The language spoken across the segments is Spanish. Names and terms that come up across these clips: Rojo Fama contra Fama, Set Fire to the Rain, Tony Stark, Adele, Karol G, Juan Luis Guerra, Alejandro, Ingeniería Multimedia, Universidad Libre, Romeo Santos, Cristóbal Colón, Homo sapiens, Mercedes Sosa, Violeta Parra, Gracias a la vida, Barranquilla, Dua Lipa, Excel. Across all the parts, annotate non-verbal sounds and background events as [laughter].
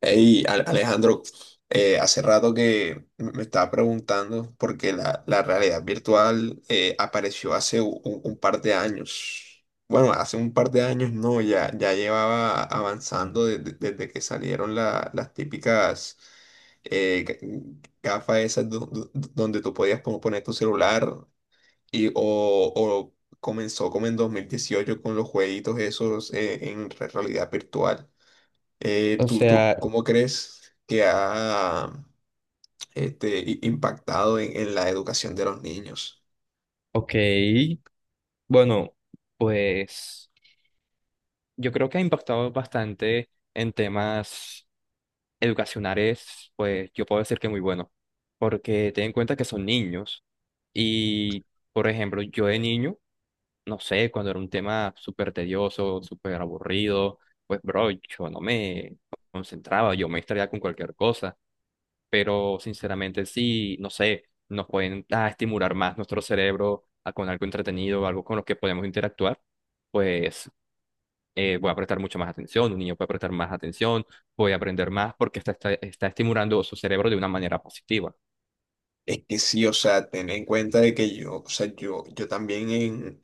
Hey, Alejandro, hace rato que me estaba preguntando porque la realidad virtual, apareció hace un par de años. Bueno, hace un par de años no, ya llevaba avanzando desde que salieron las típicas, gafas esas donde tú podías poner tu celular y, o comenzó como en 2018 con los jueguitos esos, en realidad virtual. O ¿Tú sea, cómo crees que ha impactado en la educación de los niños? ok, bueno, pues yo creo que ha impactado bastante en temas educacionales, pues yo puedo decir que muy bueno, porque ten en cuenta que son niños y, por ejemplo, yo de niño, no sé, cuando era un tema súper tedioso, súper aburrido, pues bro, yo no me concentraba, yo me distraía con cualquier cosa. Pero sinceramente sí, no sé, nos pueden estimular más nuestro cerebro con algo entretenido, algo con lo que podemos interactuar, pues voy a prestar mucho más atención, un niño puede prestar más atención, voy a aprender más porque está estimulando su cerebro de una manera positiva. Es que sí, o sea, ten en cuenta de que yo, o sea, yo también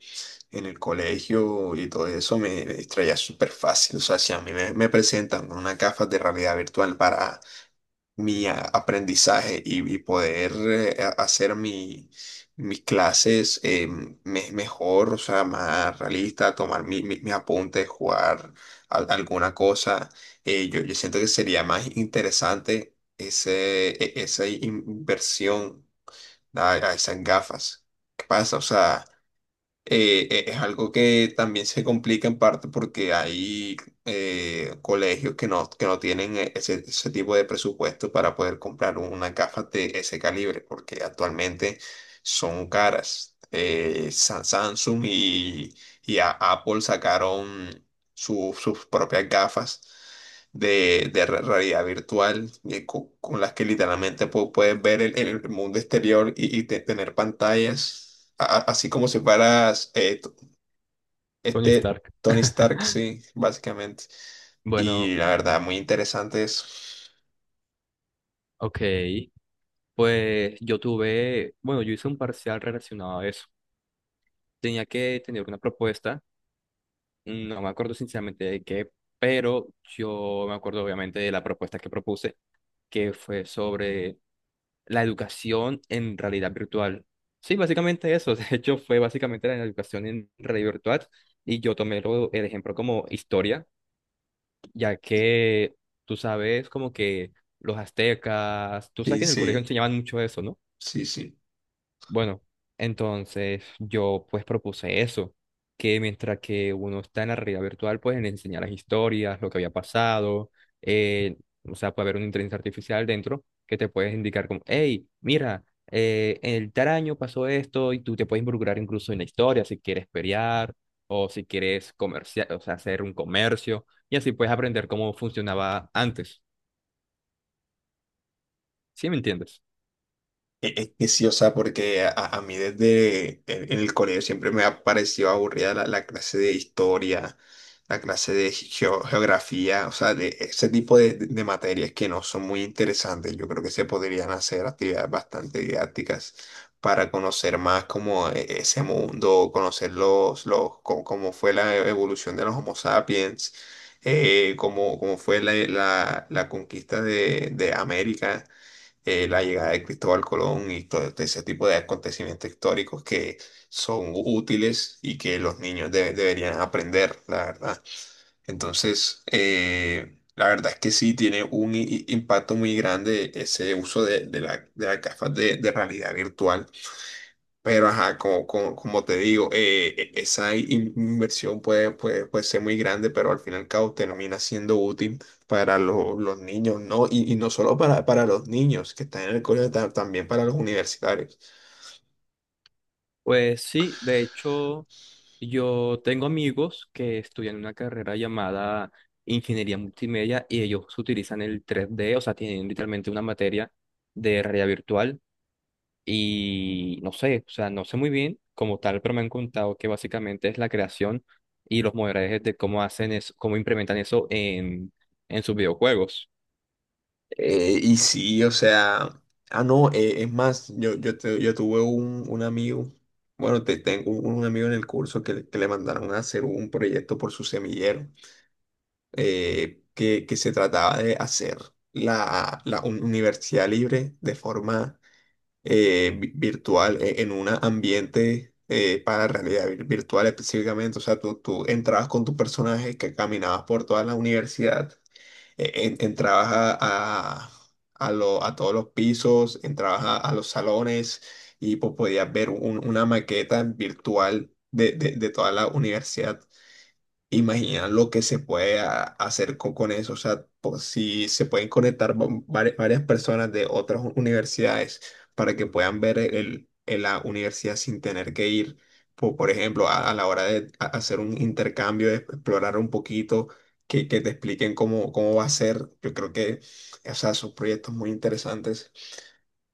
en el colegio y todo eso me distraía súper fácil. O sea, si a mí me presentan con unas gafas de realidad virtual para mi aprendizaje y poder, hacer mis clases, mejor, o sea, más realista, tomar mis apuntes, jugar alguna cosa. Yo siento que sería más interesante esa inversión a esas gafas. ¿Qué pasa? O sea, es algo que también se complica en parte porque hay, colegios que no tienen ese tipo de presupuesto para poder comprar una caja de ese calibre, porque actualmente son caras. Samsung y Apple sacaron sus propias gafas de realidad virtual, con las que literalmente puedes ver el mundo exterior y tener pantallas, así como si fueras Tony Stark. Tony Stark, sí, básicamente. Bueno, Y la verdad, muy interesante eso. ok, pues yo tuve, bueno, yo hice un parcial relacionado a eso. Tenía que tener una propuesta, no me acuerdo sinceramente de qué, pero yo me acuerdo obviamente de la propuesta que propuse que fue sobre la educación en realidad virtual. Sí, básicamente eso. [laughs] De hecho, fue básicamente la educación en realidad virtual. Y yo tomé el ejemplo como historia, ya que tú sabes como que los aztecas, tú sabes Sí, que en el colegio sí, enseñaban mucho eso, ¿no? sí, sí. Bueno, entonces yo pues propuse eso, que mientras que uno está en la realidad virtual, pues le enseñar las historias, lo que había pasado, eh, o sea, puede haber una inteligencia artificial dentro que te puedes indicar como, hey, mira, el tal año pasó esto y tú te puedes involucrar incluso en la historia si quieres pelear o si quieres comerciar, o sea, hacer un comercio y así puedes aprender cómo funcionaba antes. ¿Sí me entiendes? Es que sí, o sea, porque a mí desde en el colegio siempre me ha parecido aburrida la clase de historia, la clase de geografía, o sea, de ese tipo de materias que no son muy interesantes. Yo creo que se podrían hacer actividades bastante didácticas para conocer más como ese mundo, conocer cómo fue la evolución de los Homo sapiens, cómo fue la conquista de América, la llegada de Cristóbal Colón y todo ese tipo de acontecimientos históricos que son útiles y que los niños deberían aprender, la verdad. Entonces, la verdad es que sí tiene un impacto muy grande ese uso de las gafas de realidad virtual, pero, ajá, como te digo, esa inversión, puede ser muy grande, pero al fin y al cabo termina siendo útil para los niños, ¿no? Y no solo para los niños que están en el colegio, también para los universitarios. Pues sí, de hecho, yo tengo amigos que estudian una carrera llamada Ingeniería Multimedia y ellos utilizan el 3D, o sea, tienen literalmente una materia de realidad virtual y no sé, o sea, no sé muy bien como tal, pero me han contado que básicamente es la creación y los modelajes de cómo hacen eso, cómo implementan eso en sus videojuegos. Y sí, o sea, ah, no, es más, yo tuve un amigo, bueno, tengo un amigo en el curso que le mandaron a hacer un proyecto por su semillero. Que se trataba de hacer universidad libre de forma virtual, en un ambiente para realidad virtual específicamente. O sea, tú entrabas con tu personaje que caminabas por toda la universidad, entrabas a todos los pisos, entrabas a los salones y pues, podías ver una maqueta virtual de toda la universidad. Imagina lo que se puede hacer con eso, o sea, por si se pueden conectar varias personas de otras universidades para que puedan ver la universidad sin tener que ir, por ejemplo, a la hora de hacer un intercambio, de explorar un poquito, que te expliquen cómo va a ser. Yo creo que, o sea, son proyectos muy interesantes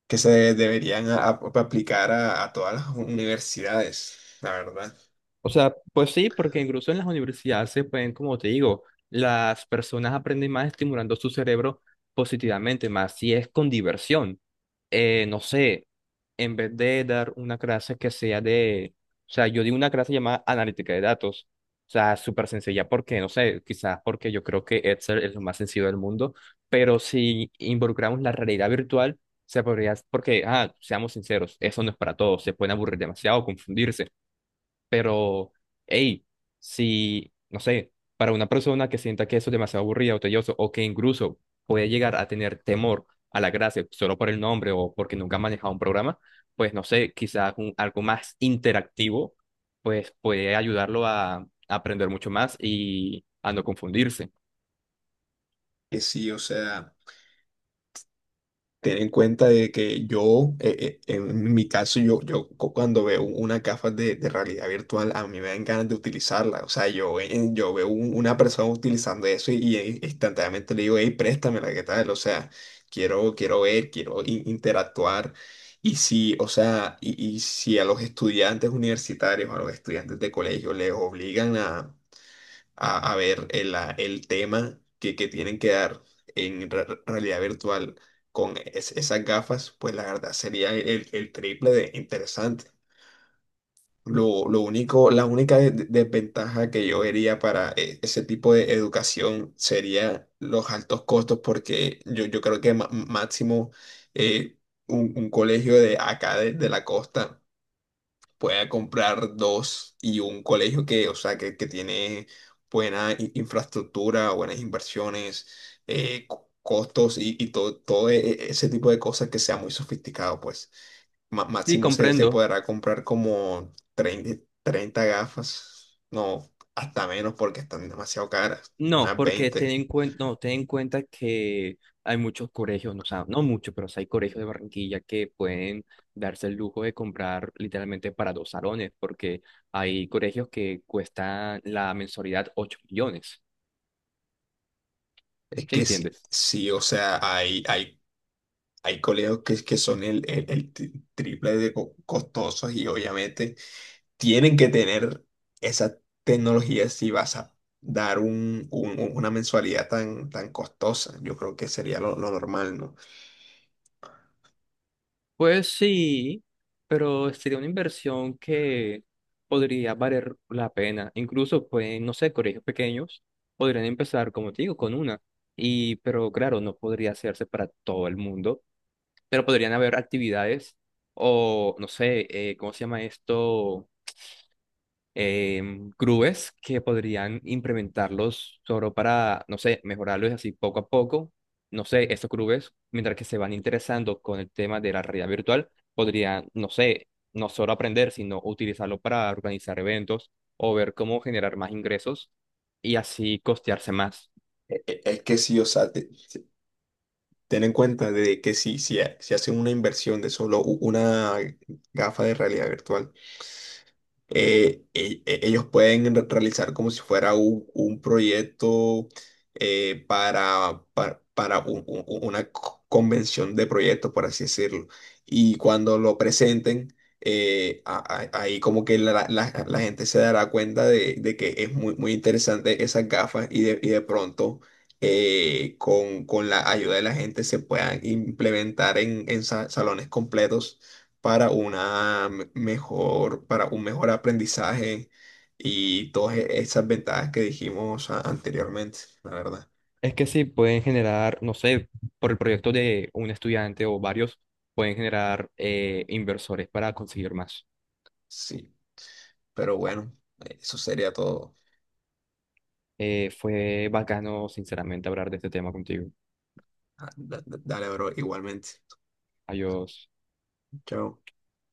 que se deberían aplicar a todas las universidades, la verdad, O sea, pues sí, porque incluso en las universidades se pueden, como te digo, las personas aprenden más estimulando su cerebro positivamente, más si es con diversión. No sé, en vez de dar una clase que sea de, o sea, yo di una clase llamada analítica de datos. O sea, súper sencilla porque, no sé, quizás porque yo creo que Excel es lo más sencillo del mundo, pero si involucramos la realidad virtual, se podría, porque, ah, seamos sinceros, eso no es para todos, se pueden aburrir demasiado, confundirse. Pero, hey, si, no sé, para una persona que sienta que eso es demasiado aburrido o tedioso, o que incluso puede llegar a tener temor a la gracia solo por el nombre o porque nunca ha manejado un programa, pues no sé, quizás algo más interactivo, pues puede ayudarlo a aprender mucho más y a no confundirse. que sí, o sea. Ten en cuenta de que yo, en mi caso, cuando veo una gafas de realidad virtual, a mí me dan ganas de utilizarla. O sea, yo veo una persona utilizando eso instantáneamente le digo, hey, préstamela, ¿qué tal? O sea, quiero ver, quiero interactuar. Y si, o sea, y si a los estudiantes universitarios, a los estudiantes de colegio les obligan a ver el tema que tienen que dar en realidad virtual con esas gafas, pues la verdad sería el triple de interesante. Lo único, la única desventaja que yo vería para ese tipo de educación sería los altos costos, porque yo creo que máximo, eh, un colegio de acá de la costa pueda comprar dos y un colegio que, o sea, que tiene buena infraestructura, buenas inversiones, costos y todo ese tipo de cosas que sea muy sofisticado, pues. Y Máximo se comprendo. podrá comprar como 30 gafas, no, hasta menos porque están demasiado caras, No, unas porque ten 20. en cuenta, no, ten en cuenta que hay muchos colegios, no, o sea, no muchos, pero sí hay colegios de Barranquilla que pueden darse el lujo de comprar literalmente para dos salones, porque hay colegios que cuestan la mensualidad 8 millones, Es ¿sí que sí, entiendes? sí, o sea, hay colegios que son triple de costosos y obviamente tienen que tener esa tecnología si vas a dar una mensualidad tan costosa. Yo creo que sería lo normal, ¿no? Pues sí, pero sería una inversión que podría valer la pena. Incluso, pues, no sé, colegios pequeños podrían empezar, como te digo, con una. Y, pero claro, no podría hacerse para todo el mundo, pero podrían haber actividades o, no sé, ¿cómo se llama esto? Grúes que podrían implementarlos solo para, no sé, mejorarlos así poco a poco. No sé, estos grúes, mientras que se van interesando con el tema de la realidad virtual, podrían, no sé, no solo aprender, sino utilizarlo para organizar eventos o ver cómo generar más ingresos y así costearse más. Es que sí, o sea, ten en cuenta de que si hacen una inversión de solo una gafa de realidad virtual, ellos pueden realizar como si fuera un proyecto, para una convención de proyectos, por así decirlo. Y cuando lo presenten, ahí como que la gente se dará cuenta de que es muy, muy interesante esas gafas y, de pronto, con la ayuda de la gente se puedan implementar en salones completos para un mejor aprendizaje y todas esas ventajas que dijimos anteriormente, la verdad. Es que sí, pueden generar, no sé, por el proyecto de un estudiante o varios, pueden generar inversores para conseguir más. Sí, pero bueno, eso sería todo. Fue bacano, sinceramente, hablar de este tema contigo. Ah, dale, bro, igualmente. Adiós. Chao.